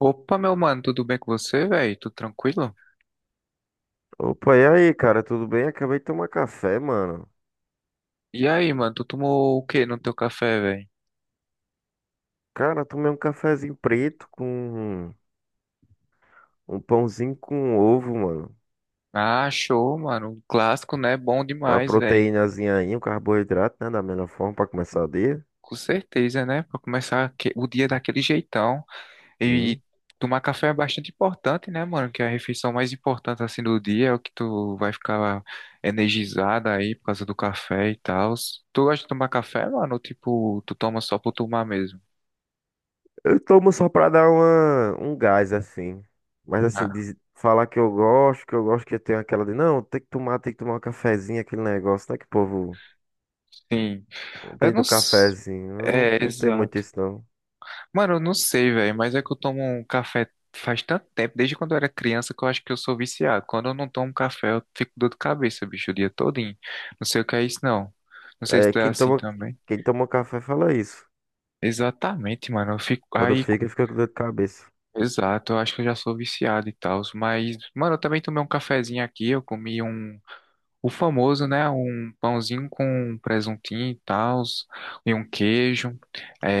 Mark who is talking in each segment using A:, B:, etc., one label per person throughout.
A: Opa, meu mano, tudo bem com você, velho? Tudo tranquilo?
B: Opa, e aí, cara, tudo bem? Acabei de tomar café, mano.
A: E aí, mano, tu tomou o que no teu café, velho?
B: Cara, tomei um cafezinho preto com um pãozinho com ovo, mano.
A: Ah, show, mano. Um clássico, né? Bom
B: Uma
A: demais, velho.
B: proteínazinha aí, um carboidrato, né? Da melhor forma pra começar o dia.
A: Com certeza, né? Pra começar o dia daquele jeitão.
B: Sim.
A: E tomar café é bastante importante, né, mano? Que é a refeição mais importante, assim, do dia. É o que tu vai ficar energizado aí por causa do café e tal. Tu gosta de tomar café, mano? Ou, tipo, tu toma só por tomar mesmo?
B: Eu tomo só pra dar uma, um gás, assim. Mas, assim,
A: Ah,
B: falar que eu gosto, que eu tenho aquela de, não, tem que tomar, um cafezinho, aquele negócio, né? Que o povo
A: sim. Eu
B: tem
A: não...
B: do
A: s-
B: cafezinho. Eu não,
A: É,
B: não tenho muito
A: exato.
B: isso, não.
A: Mano, eu não sei, velho, mas é que eu tomo um café faz tanto tempo, desde quando eu era criança, que eu acho que eu sou viciado. Quando eu não tomo café, eu fico com dor de cabeça, bicho, o dia todinho. Não sei o que é isso, não. Não sei se
B: É,
A: tu é assim também.
B: quem toma café fala isso.
A: Exatamente, mano, eu fico
B: Quando
A: aí.
B: fica com dor de cabeça.
A: Exato, eu acho que eu já sou viciado e tal, mas, mano, eu também tomei um cafezinho aqui, eu comi um, o famoso, né, um pãozinho com presuntinho e tal, e um queijo,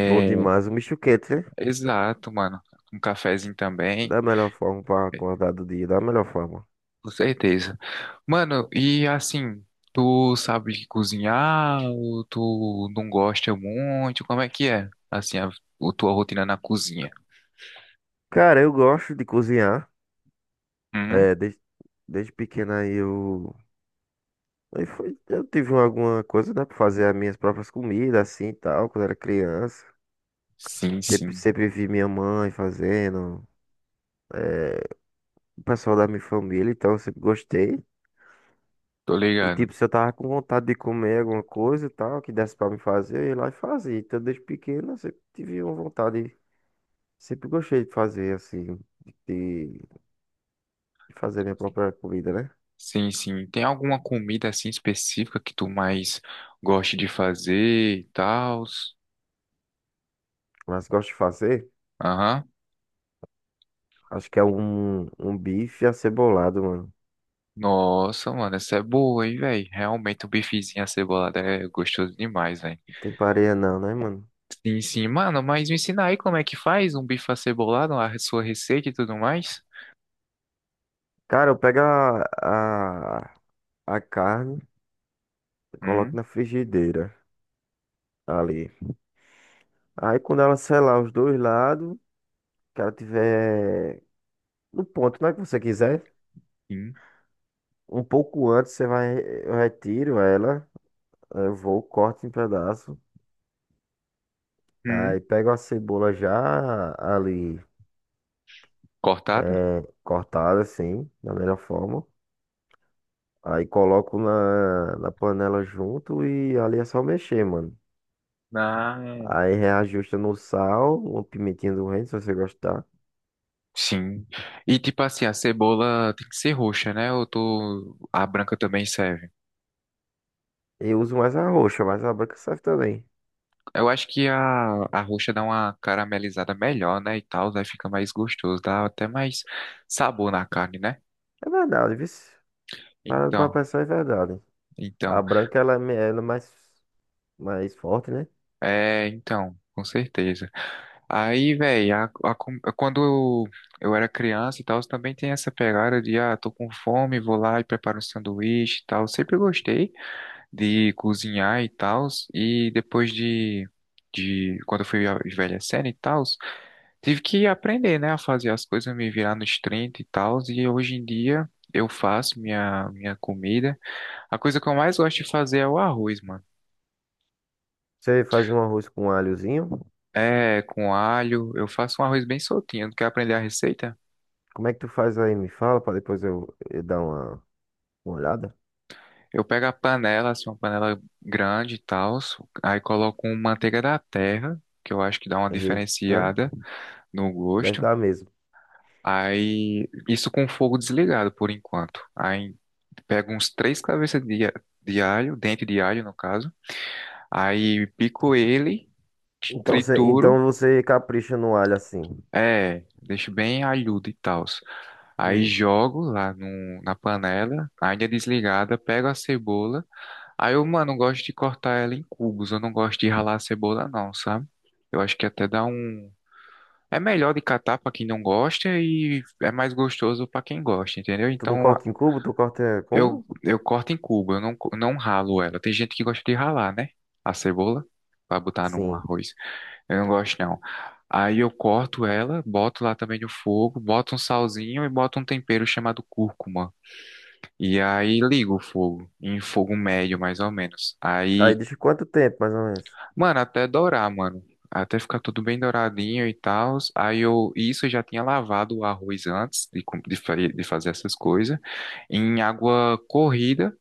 B: Bom demais. O misto quente, né?
A: exato, mano, um cafezinho também,
B: Da melhor forma para acordar do dia, da melhor forma.
A: com certeza. Mano, e assim, tu sabe cozinhar ou tu não gosta muito? Como é que é, assim, a tua rotina na cozinha?
B: Cara, eu gosto de cozinhar.
A: Uhum.
B: É, desde pequeno aí eu. Eu tive alguma coisa, né, pra fazer as minhas próprias comidas, assim e tal, quando era criança.
A: Sim, sim,
B: Sempre vi minha mãe fazendo, o pessoal da minha família, então eu sempre gostei.
A: tô
B: E
A: ligado.
B: tipo, se eu tava com vontade de comer alguma coisa e tal, que desse pra me fazer, eu ia lá e fazia. Então desde pequeno eu sempre tive uma vontade. Sempre gostei de fazer, de, de fazer minha própria comida, né?
A: Sim, sim. Tem alguma comida, assim, específica que tu mais gosta de fazer e tal?
B: Mas gosto de fazer,
A: Aham.
B: acho que é um bife acebolado, mano.
A: Nossa, mano, essa é boa, hein, velho? Realmente o bifezinho acebolado é gostoso demais, velho.
B: Não tem pareia não, né, mano?
A: Sim, sim, mano, mas me ensina aí como é que faz um bife acebolado, a sua receita e tudo mais.
B: Cara, eu pego a carne e coloco
A: Hum,
B: na frigideira ali. Aí quando ela selar os dois lados, que ela tiver no ponto, né, que você quiser,
A: sim
B: um pouco antes você vai, eu retiro ela, aí eu vou, corto em pedaço.
A: hum.
B: Aí pego a cebola já ali
A: Cortada?
B: cortada assim, da melhor forma. Aí coloco na panela junto e ali é só mexer, mano.
A: Ah,
B: Aí reajusta no sal, uma pimentinha do reino, se você gostar.
A: sim. E tipo assim, a cebola tem que ser roxa, né? Ou tô... a branca também serve.
B: Eu uso mais a roxa, mas a branca serve também.
A: Eu acho que a roxa dá uma caramelizada melhor, né? E tal, aí fica mais gostoso, dá até mais sabor na carne, né?
B: É verdade, viu? Para pra
A: Então,
B: pensar, é verdade. A
A: então,
B: branca, ela, ela é mais forte, né?
A: é, então, com certeza. Aí, velho, quando eu, eu era criança e tal, também tem essa pegada de, ah, tô com fome, vou lá e preparo um sanduíche e tal. Sempre gostei de cozinhar e tals, de quando eu fui envelhecendo e tals, tive que aprender, né, a fazer as coisas, me virar nos 30 e tals, e hoje em dia eu faço minha comida. A coisa que eu mais gosto de fazer é o arroz, mano.
B: Você faz um arroz com alhozinho.
A: É, com alho, eu faço um arroz bem soltinho, não quer aprender a receita?
B: Como é que tu faz aí? Me fala, para depois eu dar uma olhada.
A: Eu pego a panela, assim, uma panela grande e tal, aí coloco uma manteiga da terra, que eu acho que dá uma
B: Eita,
A: diferenciada no
B: deve
A: gosto.
B: dar mesmo.
A: Aí, isso com o fogo desligado por enquanto. Aí, pego uns três cabeças de alho, dente de alho no caso. Aí, pico ele, trituro,
B: Então você capricha no alho assim.
A: é, deixo bem alhudo e tal. Aí,
B: Hum.
A: jogo lá no, na panela, ainda desligada, pego a cebola. Aí, eu, mano, gosto de cortar ela em cubos, eu não gosto de ralar a cebola, não, sabe? Eu acho que até dá um. É melhor de catar pra quem não gosta e é mais gostoso pra quem gosta, entendeu?
B: Tu não
A: Então
B: corta em cubo, tu corta
A: Eu,
B: como?
A: eu corto em cubo, eu não, não ralo ela. Tem gente que gosta de ralar, né? A cebola, pra botar num
B: Sim.
A: arroz. Eu não gosto, não. Aí eu corto ela, boto lá também no fogo, boto um salzinho e boto um tempero chamado cúrcuma. E aí ligo o fogo, em fogo médio mais ou menos.
B: Aí
A: Aí,
B: deixa quanto tempo, mais ou menos?
A: mano, até dourar, mano. Até ficar tudo bem douradinho e tal. Aí eu, isso eu já tinha lavado o arroz antes de, com- de fa- de fazer essas coisas, em água corrida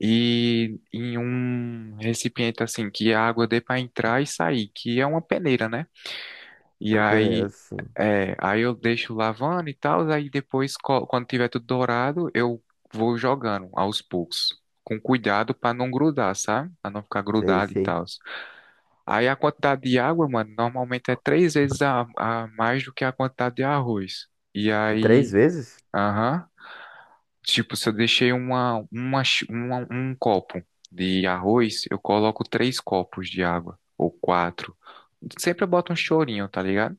A: e em um recipiente assim que a água dê para entrar e sair, que é uma peneira, né? E
B: Uma peneira,
A: aí
B: assim.
A: é, aí eu deixo lavando e tal, aí depois quando tiver tudo dourado, eu vou jogando aos poucos. Com cuidado para não grudar, sabe? Para não ficar
B: Sei,
A: grudado e
B: sei.
A: tal. Aí a quantidade de água, mano, normalmente é três vezes a mais do que a quantidade de arroz. E
B: Três
A: aí,
B: vezes?
A: aham. Tipo, se eu deixei um copo de arroz, eu coloco três copos de água, ou quatro. Sempre eu boto um chorinho, tá ligado?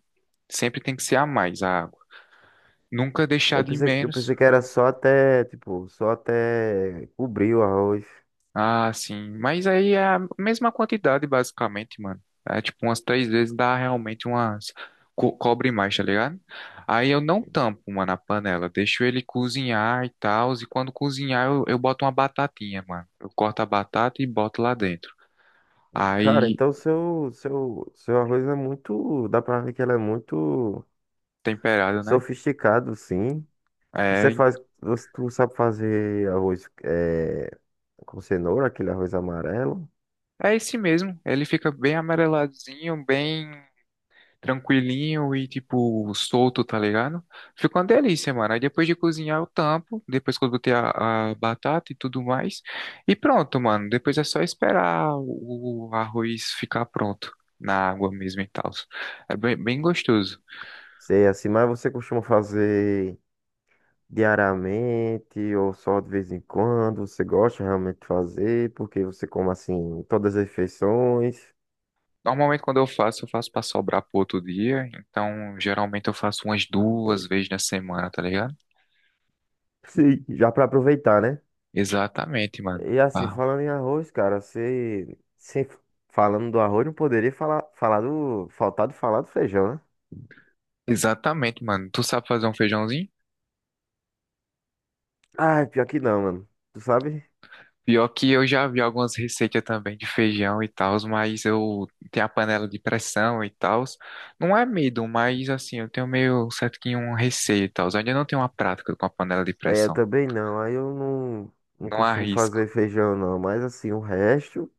A: Sempre tem que ser a mais a água. Nunca deixar de
B: Eu
A: menos.
B: pensei que era só até, tipo, só até cobrir o arroz.
A: Ah, sim. Mas aí é a mesma quantidade, basicamente, mano. É tipo umas três vezes dá realmente umas, cobre mais, tá ligado? Aí eu não tampo, mano, a panela. Deixo ele cozinhar e tal. E quando cozinhar, eu boto uma batatinha, mano. Eu corto a batata e boto lá dentro.
B: Cara,
A: Aí,
B: então seu arroz é muito, dá pra ver que ele é muito
A: temperado, né?
B: sofisticado, sim.
A: É,
B: Tu sabe fazer arroz é, com cenoura, aquele arroz amarelo?
A: é esse mesmo. Ele fica bem ameleladinho, bem tranquilinho e, tipo, solto, tá ligado? Fica uma delícia, mano. Aí depois de cozinhar, eu tampo. Depois que eu botei a batata e tudo mais. E pronto, mano. Depois é só esperar o arroz ficar pronto na água mesmo e tal. É bem, bem gostoso.
B: Sei assim, mas você costuma fazer diariamente ou só de vez em quando? Você gosta realmente de fazer? Porque você come assim todas as refeições?
A: Normalmente, quando eu faço pra sobrar pro outro dia. Então, geralmente, eu faço umas duas vezes na semana, tá ligado?
B: Sim, já para aproveitar, né?
A: Exatamente, mano.
B: E assim,
A: Ah,
B: falando em arroz, cara, você, você falando do arroz, não poderia falar, falar do, faltar de falar do feijão, né?
A: exatamente, mano. Tu sabe fazer um feijãozinho?
B: Ah, pior que não, mano. Tu sabe?
A: Pior que eu já vi algumas receitas também de feijão e tal, mas eu tenho a panela de pressão e tal. Não é medo, mas assim, eu tenho meio certo que um receio e tal. Eu ainda não tenho uma prática com a panela de
B: É, eu
A: pressão.
B: também não. Aí eu não, não
A: Não
B: costumo
A: arrisco.
B: fazer feijão, não. Mas assim, o resto.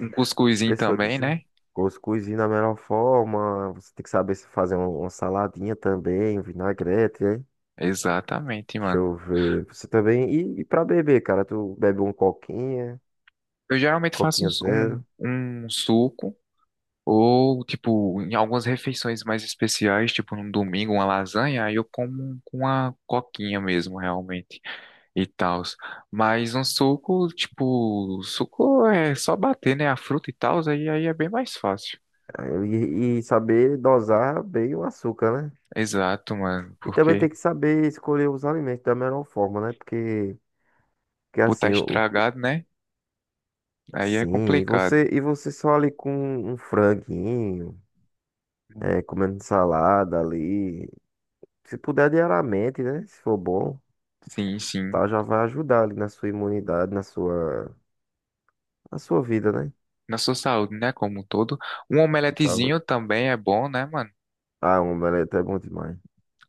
A: Um cuscuzinho
B: Pessoa
A: também,
B: dizia,
A: né?
B: cuscuzinho da melhor forma, você tem que saber se fazer uma saladinha também, um vinagrete, hein?
A: Exatamente,
B: Deixa
A: mano.
B: eu ver. Você também. E pra beber, cara, tu bebe um coquinha,
A: Eu geralmente faço
B: coquinha zero.
A: um suco. Ou, tipo, em algumas refeições mais especiais, tipo num domingo, uma lasanha, aí eu como um, com uma coquinha mesmo, realmente, e tal. Mas um suco, tipo, suco é só bater, né, a fruta e tal, aí é bem mais fácil.
B: E saber dosar bem o açúcar, né?
A: Exato, mano,
B: E também tem
A: porque
B: que saber escolher os alimentos da melhor forma, né? Porque
A: botar
B: assim, o-
A: estragado, né, aí é
B: sim, e
A: complicado.
B: você só ali com um franguinho,
A: Hum.
B: é, comendo salada ali. Se puder diariamente, né? Se for bom.
A: Sim, sim.
B: Tal, já vai ajudar ali na sua imunidade, na sua vida, né?
A: Na sua saúde, né, como um todo. Um omeletezinho
B: Saúde.
A: também é bom, né, mano?
B: Ah, um omelete é bom demais.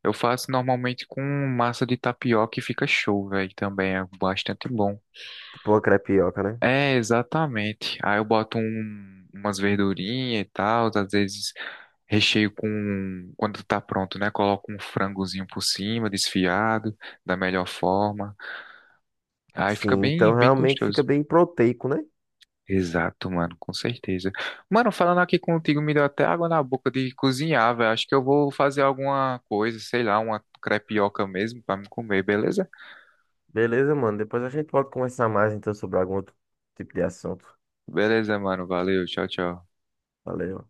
A: Eu faço normalmente com massa de tapioca e fica show, velho. Também é bastante bom.
B: Tipo uma crepioca, né?
A: É, exatamente. Aí eu boto umas verdurinhas e tal, às vezes recheio com, quando tá pronto, né? Coloco um frangozinho por cima, desfiado, da melhor forma. Aí fica
B: Sim,
A: bem,
B: então
A: bem
B: realmente fica
A: gostoso.
B: bem proteico, né?
A: Exato, mano, com certeza. Mano, falando aqui contigo, me deu até água na boca de cozinhar, velho. Acho que eu vou fazer alguma coisa, sei lá, uma crepioca mesmo pra me comer, beleza?
B: Beleza, mano. Depois a gente pode conversar mais então sobre algum outro tipo de assunto.
A: Beleza, mano. Valeu. Tchau, tchau.
B: Valeu.